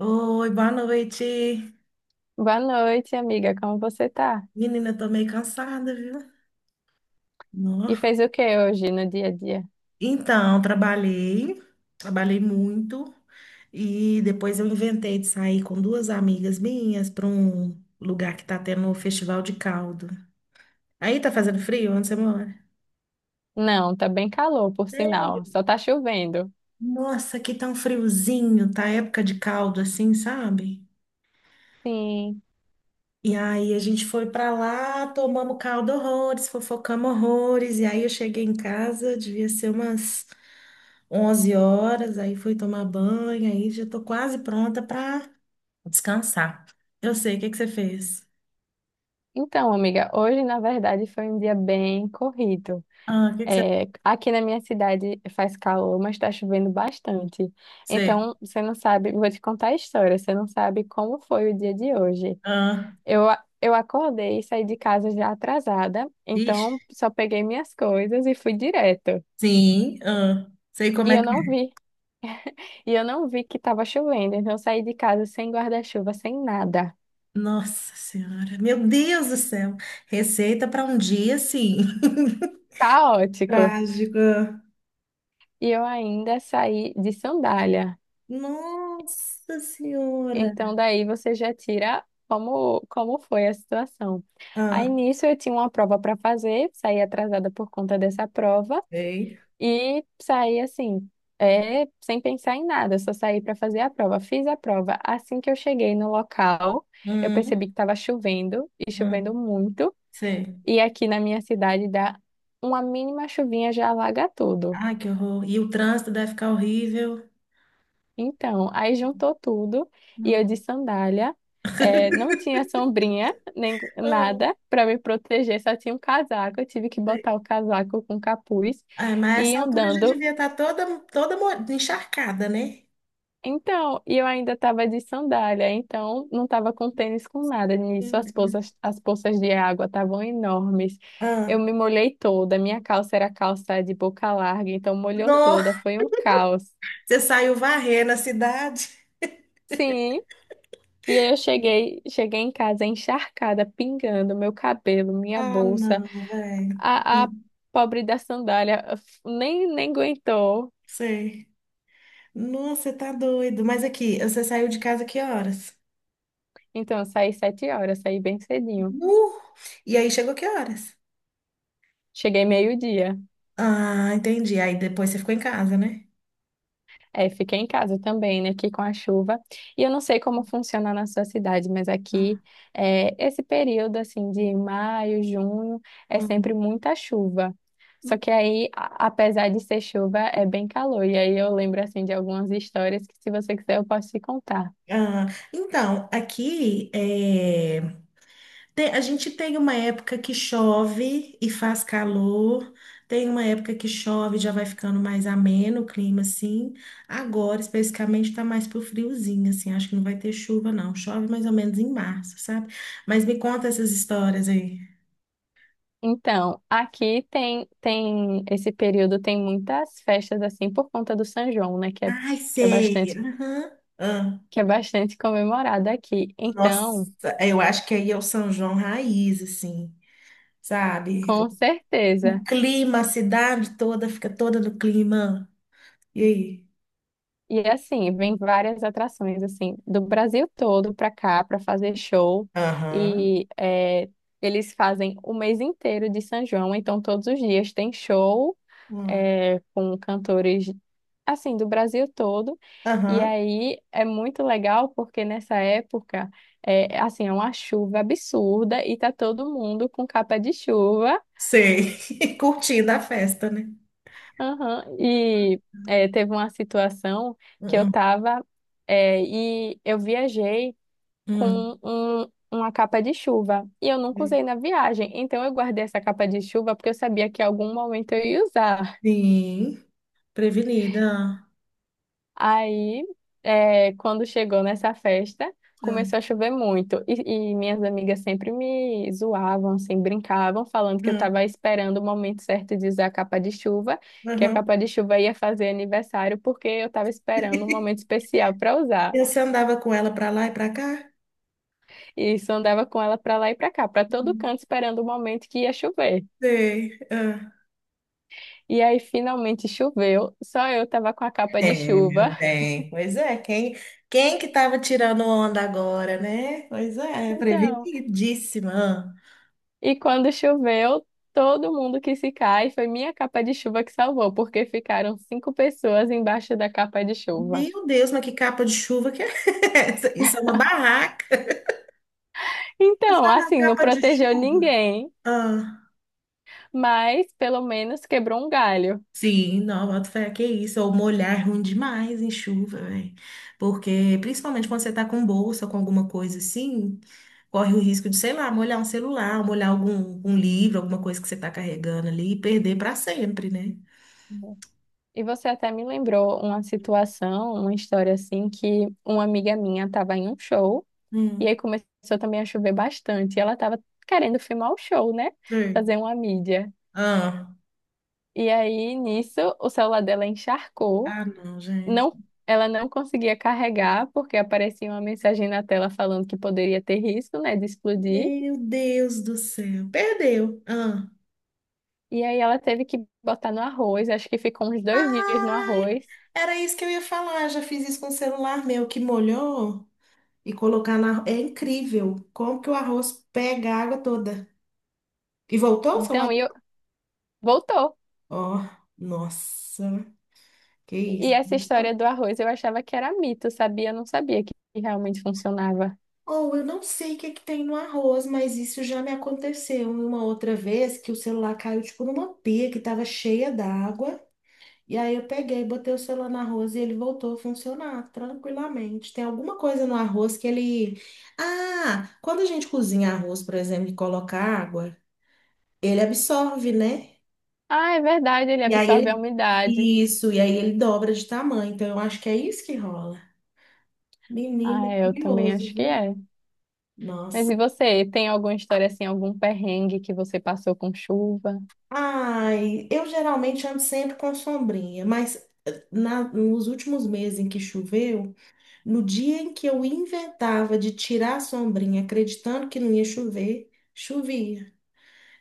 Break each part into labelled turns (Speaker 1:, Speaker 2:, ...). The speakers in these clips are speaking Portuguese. Speaker 1: Oi, boa noite.
Speaker 2: Boa noite, amiga. Como você tá?
Speaker 1: Menina, tô meio cansada, viu? Nó.
Speaker 2: E fez o que hoje no dia a dia?
Speaker 1: Então, trabalhei, trabalhei muito e depois eu inventei de sair com duas amigas minhas para um lugar que tá tendo o Festival de Caldo. Aí tá fazendo frio? Onde você mora?
Speaker 2: Não, tá bem calor, por sinal.
Speaker 1: Sério?
Speaker 2: Só tá chovendo.
Speaker 1: Nossa, aqui tá um friozinho, tá época de caldo assim, sabe?
Speaker 2: Sim.
Speaker 1: E aí a gente foi pra lá, tomamos caldo horrores, fofocamos horrores, e aí eu cheguei em casa, devia ser umas onze horas, aí fui tomar banho, aí já tô quase pronta para descansar. Eu sei, o que que você fez?
Speaker 2: Então, amiga, hoje na verdade foi um dia bem corrido.
Speaker 1: Ah, o que que você
Speaker 2: É, aqui na minha cidade faz calor, mas tá chovendo bastante.
Speaker 1: fez?
Speaker 2: Então, você não sabe, vou te contar a história, você não sabe como foi o dia de hoje.
Speaker 1: Ah,
Speaker 2: Eu acordei e saí de casa já atrasada,
Speaker 1: ixi,
Speaker 2: então só peguei minhas coisas e fui direto.
Speaker 1: sim, ah, sei como
Speaker 2: E
Speaker 1: é
Speaker 2: eu
Speaker 1: que
Speaker 2: não
Speaker 1: é.
Speaker 2: vi. E eu não vi que tava chovendo, então eu saí de casa sem guarda-chuva, sem nada.
Speaker 1: Nossa Senhora, meu Deus do céu, receita para um dia assim.
Speaker 2: Caótico.
Speaker 1: Trágica.
Speaker 2: E eu ainda saí de sandália.
Speaker 1: Nossa Senhora.
Speaker 2: Então daí você já tira como foi a situação. Aí
Speaker 1: Ah,
Speaker 2: nisso eu tinha uma prova para fazer, saí atrasada por conta dessa prova
Speaker 1: sei.
Speaker 2: e saí assim, sem pensar em nada, eu só saí para fazer a prova. Fiz a prova. Assim que eu cheguei no local, eu percebi
Speaker 1: Hum,
Speaker 2: que estava chovendo e chovendo
Speaker 1: hum,
Speaker 2: muito.
Speaker 1: sei.
Speaker 2: E aqui na minha cidade dá uma mínima chuvinha já alaga tudo.
Speaker 1: Ai, que horror. E o trânsito deve ficar horrível.
Speaker 2: Então, aí juntou tudo e eu
Speaker 1: Não.
Speaker 2: de sandália, não tinha sombrinha nem
Speaker 1: Ah,
Speaker 2: nada para me proteger, só tinha um casaco. Eu tive que botar o casaco com capuz
Speaker 1: ah, mas
Speaker 2: e ir
Speaker 1: essa altura já
Speaker 2: andando.
Speaker 1: devia estar toda, encharcada, né?
Speaker 2: Então, e eu ainda estava de sandália, então não estava com tênis com nada.
Speaker 1: Meu
Speaker 2: Nisso, as
Speaker 1: Deus.
Speaker 2: poças, as poças de água estavam enormes. Eu
Speaker 1: Ah,
Speaker 2: me molhei toda, minha calça era calça de boca larga, então molhou
Speaker 1: não,
Speaker 2: toda, foi um caos.
Speaker 1: você saiu varrendo a cidade?
Speaker 2: Sim, e aí eu cheguei, em casa encharcada, pingando meu cabelo, minha
Speaker 1: Ah,
Speaker 2: bolsa,
Speaker 1: não, velho.
Speaker 2: a pobre da sandália nem aguentou.
Speaker 1: Sei. Nossa, você tá doido. Mas aqui, você saiu de casa que horas?
Speaker 2: Então, eu saí 7 horas, saí bem cedinho.
Speaker 1: Nu! E aí chegou que horas?
Speaker 2: Cheguei meio-dia.
Speaker 1: Ah, entendi. Aí depois você ficou em casa, né?
Speaker 2: É, fiquei em casa também, né, aqui com a chuva. E eu não sei como funciona na sua cidade, mas aqui
Speaker 1: Ah,
Speaker 2: esse período assim de maio, junho é
Speaker 1: ah.
Speaker 2: sempre muita chuva. Só que aí, apesar de ser chuva, é bem calor. E aí eu lembro assim de algumas histórias que, se você quiser, eu posso te contar.
Speaker 1: Ah, então, aqui a gente tem uma época que chove e faz calor, tem uma época que chove e já vai ficando mais ameno o clima, assim. Agora, especificamente, tá mais pro friozinho, assim. Acho que não vai ter chuva, não. Chove mais ou menos em março, sabe? Mas me conta essas histórias aí.
Speaker 2: Então, aqui tem esse período tem muitas festas assim por conta do São João, né,
Speaker 1: Ai,
Speaker 2: que é
Speaker 1: sei.
Speaker 2: bastante
Speaker 1: Aham. Ah,
Speaker 2: que é bastante comemorado aqui. Então,
Speaker 1: nossa, eu acho que aí é o São João raiz, assim, sabe?
Speaker 2: com
Speaker 1: O
Speaker 2: certeza.
Speaker 1: clima, a cidade toda fica toda no clima. E aí?
Speaker 2: E assim, vem várias atrações assim do Brasil todo para cá para fazer show
Speaker 1: Aham.
Speaker 2: e eles fazem o mês inteiro de São João, então todos os dias tem show
Speaker 1: Hum.
Speaker 2: com cantores assim do Brasil todo. E
Speaker 1: Aham.
Speaker 2: aí é muito legal porque nessa época é assim é uma chuva absurda e tá todo mundo com capa de chuva.
Speaker 1: Sei. Curtindo a festa, né?
Speaker 2: Aham.
Speaker 1: Não.
Speaker 2: E teve uma situação que eu
Speaker 1: Hum,
Speaker 2: tava é, e eu viajei
Speaker 1: hum,
Speaker 2: com uma capa de chuva e eu nunca
Speaker 1: hum.
Speaker 2: usei na viagem, então eu guardei essa capa de chuva porque eu sabia que em algum momento eu ia usar.
Speaker 1: Sim, prevenida.
Speaker 2: Aí, quando chegou nessa festa,
Speaker 1: Ah,
Speaker 2: começou a chover muito. E minhas amigas sempre me zoavam, assim, brincavam, falando que eu
Speaker 1: hum,
Speaker 2: estava esperando o momento certo de usar a capa de chuva, que a
Speaker 1: aham.
Speaker 2: capa de chuva ia fazer aniversário, porque eu estava esperando um momento especial para
Speaker 1: E
Speaker 2: usar.
Speaker 1: você andava com ela para lá e para cá?
Speaker 2: E isso andava com ela para lá e para cá, para todo
Speaker 1: Hum,
Speaker 2: canto, esperando o momento que ia chover.
Speaker 1: Sei. Ah.
Speaker 2: E aí, finalmente choveu, só eu estava com a capa de
Speaker 1: É,
Speaker 2: chuva.
Speaker 1: meu bem. Pois é, quem, quem que estava tirando onda agora, né? Pois é,
Speaker 2: Então.
Speaker 1: prevenidíssima.
Speaker 2: E quando choveu, todo mundo que se cai foi minha capa de chuva que salvou, porque ficaram 5 pessoas embaixo da capa de chuva.
Speaker 1: Meu Deus, mas que capa de chuva que é essa? Isso é uma barraca. Você
Speaker 2: Então,
Speaker 1: fala
Speaker 2: assim, não
Speaker 1: capa de
Speaker 2: protegeu
Speaker 1: chuva?
Speaker 2: ninguém,
Speaker 1: Ah.
Speaker 2: mas pelo menos quebrou um galho.
Speaker 1: Sim, não, boto fé, que é isso. Ou molhar é ruim demais em chuva, velho. Porque, principalmente quando você tá com bolsa, com alguma coisa assim, corre o risco de, sei lá, molhar um celular, molhar algum, um livro, alguma coisa que você tá carregando ali e perder pra sempre, né?
Speaker 2: E você até me lembrou uma situação, uma história assim, que uma amiga minha estava em um show e aí
Speaker 1: Hum.
Speaker 2: começou também a chover bastante. E ela estava querendo filmar o show, né?
Speaker 1: Sim.
Speaker 2: Fazer uma mídia.
Speaker 1: Ah,
Speaker 2: E aí, nisso, o celular dela encharcou.
Speaker 1: ah, não, gente.
Speaker 2: Não, ela não conseguia carregar porque aparecia uma mensagem na tela falando que poderia ter risco, né, de explodir.
Speaker 1: Meu Deus do céu. Perdeu. Ah.
Speaker 2: E aí ela teve que botar no arroz, acho que ficou uns 2 dias no
Speaker 1: Ai,
Speaker 2: arroz.
Speaker 1: era isso que eu ia falar. Já fiz isso com o celular meu que molhou. E colocar na. É incrível como que o arroz pega a água toda. E voltou o celular?
Speaker 2: Então, voltou.
Speaker 1: Ó, nossa, que
Speaker 2: E
Speaker 1: isso.
Speaker 2: essa história do arroz eu achava que era mito, sabia? Eu não sabia que realmente funcionava.
Speaker 1: Ou eu não sei o que é que tem no arroz, mas isso já me aconteceu em uma outra vez que o celular caiu tipo numa pia que estava cheia d'água. E aí eu peguei, botei o celular no arroz e ele voltou a funcionar tranquilamente. Tem alguma coisa no arroz que ele. Ah, quando a gente cozinha arroz, por exemplo, e coloca água, ele absorve, né?
Speaker 2: Ah, é verdade, ele
Speaker 1: E aí
Speaker 2: absorve a
Speaker 1: ele.
Speaker 2: umidade.
Speaker 1: Isso, e aí ele dobra de tamanho. Então eu acho que é isso que rola. Menino,
Speaker 2: Ah,
Speaker 1: é
Speaker 2: é, eu também
Speaker 1: curioso,
Speaker 2: acho que
Speaker 1: viu?
Speaker 2: é. Mas
Speaker 1: Nossa.
Speaker 2: e você, tem alguma história assim, algum perrengue que você passou com chuva?
Speaker 1: Ai, eu geralmente ando sempre com sombrinha, mas nos últimos meses em que choveu, no dia em que eu inventava de tirar a sombrinha, acreditando que não ia chover, chovia.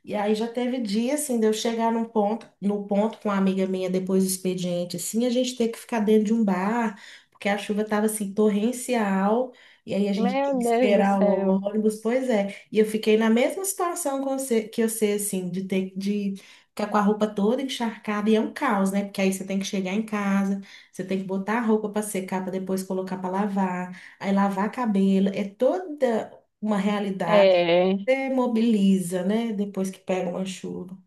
Speaker 1: E aí já teve dia, assim, de eu chegar num ponto, no ponto com uma amiga minha depois do expediente, assim, a gente ter que ficar dentro de um bar, porque a chuva tava, assim, torrencial, e aí a gente tinha que
Speaker 2: Meu Deus do
Speaker 1: esperar o
Speaker 2: céu.
Speaker 1: ônibus, pois é. E eu fiquei na mesma situação com que eu sei, assim, de ter, de ficar com a roupa toda encharcada, e é um caos, né? Porque aí você tem que chegar em casa, você tem que botar a roupa para secar, para depois colocar para lavar, aí lavar cabelo, é toda uma realidade.
Speaker 2: É.
Speaker 1: Demobiliza, né? Depois que pega uma chuva.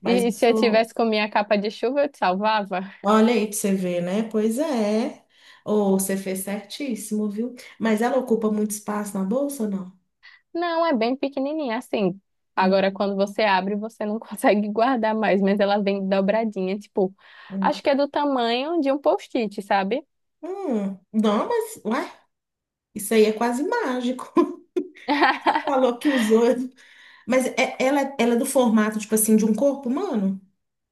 Speaker 1: Mas
Speaker 2: E se eu
Speaker 1: isso,
Speaker 2: tivesse com minha capa de chuva, eu te salvava?
Speaker 1: olha aí para você ver, né? Pois é. Ou você fez certíssimo, viu? Mas ela ocupa muito espaço na bolsa, ou não?
Speaker 2: Não, é bem pequenininha, assim.
Speaker 1: Hum,
Speaker 2: Agora, quando você abre, você não consegue guardar mais, mas ela vem dobradinha, tipo,
Speaker 1: hum.
Speaker 2: acho que é do tamanho de um post-it, sabe?
Speaker 1: Não, mas, ué, isso aí é quase mágico. Você falou que usou. Mas ela, ela é do formato, tipo assim, de um corpo humano?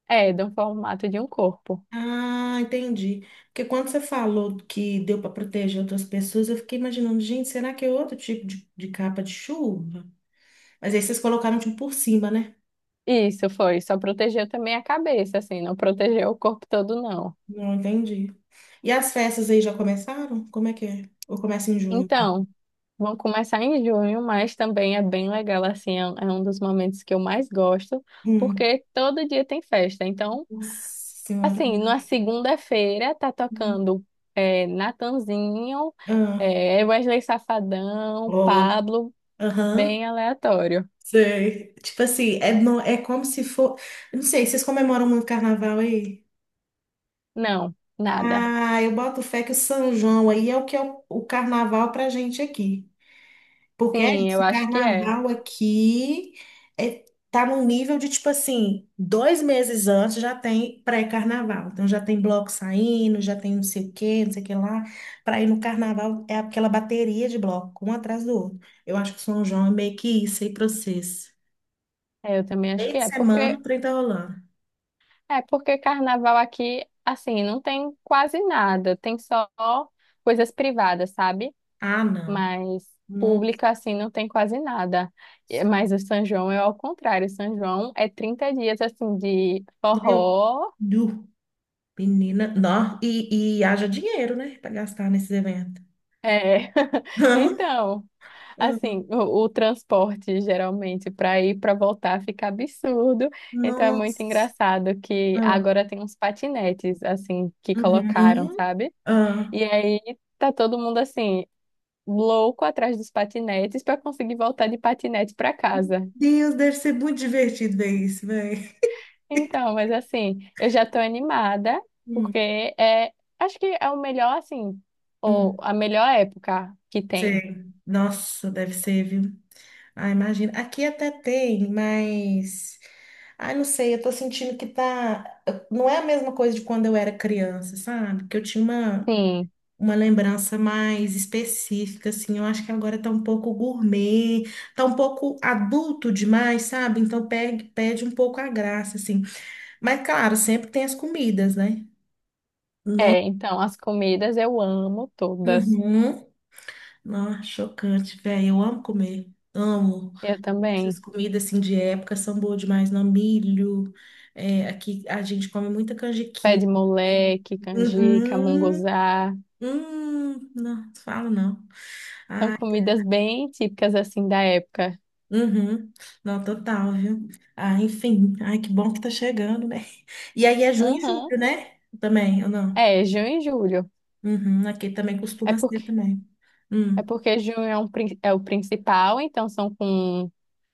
Speaker 2: É, do formato de um corpo.
Speaker 1: Ah, entendi. Porque quando você falou que deu para proteger outras pessoas, eu fiquei imaginando, gente, será que é outro tipo de capa de chuva? Mas aí vocês colocaram tipo por cima, né?
Speaker 2: Isso foi, só protegeu também a cabeça, assim, não protegeu o corpo todo, não.
Speaker 1: Não entendi. E as festas aí já começaram? Como é que é? Ou começa em junho?
Speaker 2: Então, vão começar em junho, mas também é bem legal, assim, é um dos momentos que eu mais gosto,
Speaker 1: Hum,
Speaker 2: porque todo dia tem festa. Então,
Speaker 1: nossa senhora,
Speaker 2: assim, na
Speaker 1: né?
Speaker 2: segunda-feira tá tocando Natanzinho,
Speaker 1: Ah,
Speaker 2: Wesley Safadão,
Speaker 1: ó,
Speaker 2: Pablo,
Speaker 1: aham,
Speaker 2: bem aleatório.
Speaker 1: sei. Tipo assim, é, é como se for. Eu não sei, vocês comemoram muito carnaval aí?
Speaker 2: Não, nada.
Speaker 1: Ah, eu boto fé que o São João aí é o que é o carnaval pra gente aqui. Porque
Speaker 2: Sim, eu
Speaker 1: esse
Speaker 2: acho que é.
Speaker 1: carnaval aqui é, tá num nível de tipo assim, dois meses antes já tem pré-carnaval. Então já tem bloco saindo, já tem não sei o quê, não sei o que lá. Para ir no carnaval é aquela bateria de bloco, um atrás do outro. Eu acho que São João é meio que isso aí pra vocês.
Speaker 2: É, eu também acho
Speaker 1: Meio
Speaker 2: que
Speaker 1: de
Speaker 2: é,
Speaker 1: semana, 30 rolando.
Speaker 2: porque carnaval aqui, assim, não tem quase nada, tem só coisas privadas, sabe?
Speaker 1: Ah, não.
Speaker 2: Mas
Speaker 1: Nossa,
Speaker 2: público assim não tem quase nada. E- Mas o São João é ao contrário, o São João é 30 dias assim de
Speaker 1: meu,
Speaker 2: forró.
Speaker 1: du, menina, não. E haja dinheiro, né, para gastar nesses eventos.
Speaker 2: É, então, assim, o transporte geralmente para ir para voltar fica absurdo. Então é muito
Speaker 1: Nossa.
Speaker 2: engraçado que agora tem uns patinetes assim que colocaram,
Speaker 1: Uhum.
Speaker 2: sabe?
Speaker 1: Ah.
Speaker 2: E aí tá todo mundo assim louco atrás dos patinetes para conseguir voltar de patinete para casa.
Speaker 1: Deus, deve ser muito divertido ver isso, velho.
Speaker 2: Então, mas assim, eu já tô animada porque
Speaker 1: Hum,
Speaker 2: é, acho que é o melhor assim, ou
Speaker 1: hum.
Speaker 2: a melhor época que tem.
Speaker 1: Sei. Nossa, deve ser, viu? Ah, imagina. Aqui até tem, mas. Ai, não sei, eu tô sentindo que tá. Não é a mesma coisa de quando eu era criança, sabe? Que eu tinha
Speaker 2: Sim.
Speaker 1: uma lembrança mais específica, assim. Eu acho que agora tá um pouco gourmet, tá um pouco adulto demais, sabe? Então perde, perde um pouco a graça, assim. Mas, claro, sempre tem as comidas, né? Não,
Speaker 2: É, então as comidas eu amo todas.
Speaker 1: uhum. Não, chocante, velho. Eu amo comer. Amo.
Speaker 2: Eu
Speaker 1: Essas
Speaker 2: também.
Speaker 1: comidas assim de época são boas demais, não? Milho. É, aqui a gente come muita
Speaker 2: Pé
Speaker 1: canjiquinha.
Speaker 2: de
Speaker 1: Também.
Speaker 2: moleque, canjica,
Speaker 1: Uhum.
Speaker 2: munguzá.
Speaker 1: Não, falo não.
Speaker 2: São
Speaker 1: Ai,
Speaker 2: comidas bem típicas assim da época.
Speaker 1: uhum. Não, total, viu? Ah, enfim. Ai, que bom que tá chegando, né? E aí é junho e
Speaker 2: Aham.
Speaker 1: julho, né? Também, ou não?
Speaker 2: É, junho e julho.
Speaker 1: Uhum. Aqui também
Speaker 2: É
Speaker 1: costuma ser
Speaker 2: porque
Speaker 1: também.
Speaker 2: é
Speaker 1: Hum.
Speaker 2: porque junho é o principal, então são com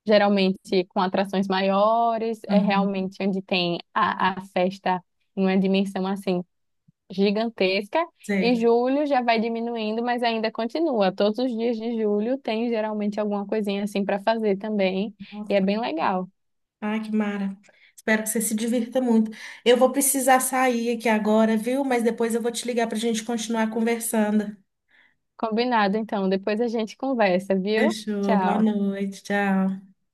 Speaker 2: geralmente com atrações maiores, é
Speaker 1: Uhum.
Speaker 2: realmente onde tem a festa em uma dimensão assim gigantesca e
Speaker 1: Sei.
Speaker 2: julho já vai diminuindo, mas ainda continua. Todos os dias de julho tem geralmente alguma coisinha assim para fazer também e é bem legal.
Speaker 1: Ai, que mara. Espero que você se divirta muito. Eu vou precisar sair aqui agora, viu? Mas depois eu vou te ligar para a gente continuar conversando.
Speaker 2: Combinado, então. Depois a gente conversa, viu?
Speaker 1: Fechou. Boa
Speaker 2: Tchau.
Speaker 1: noite. Tchau.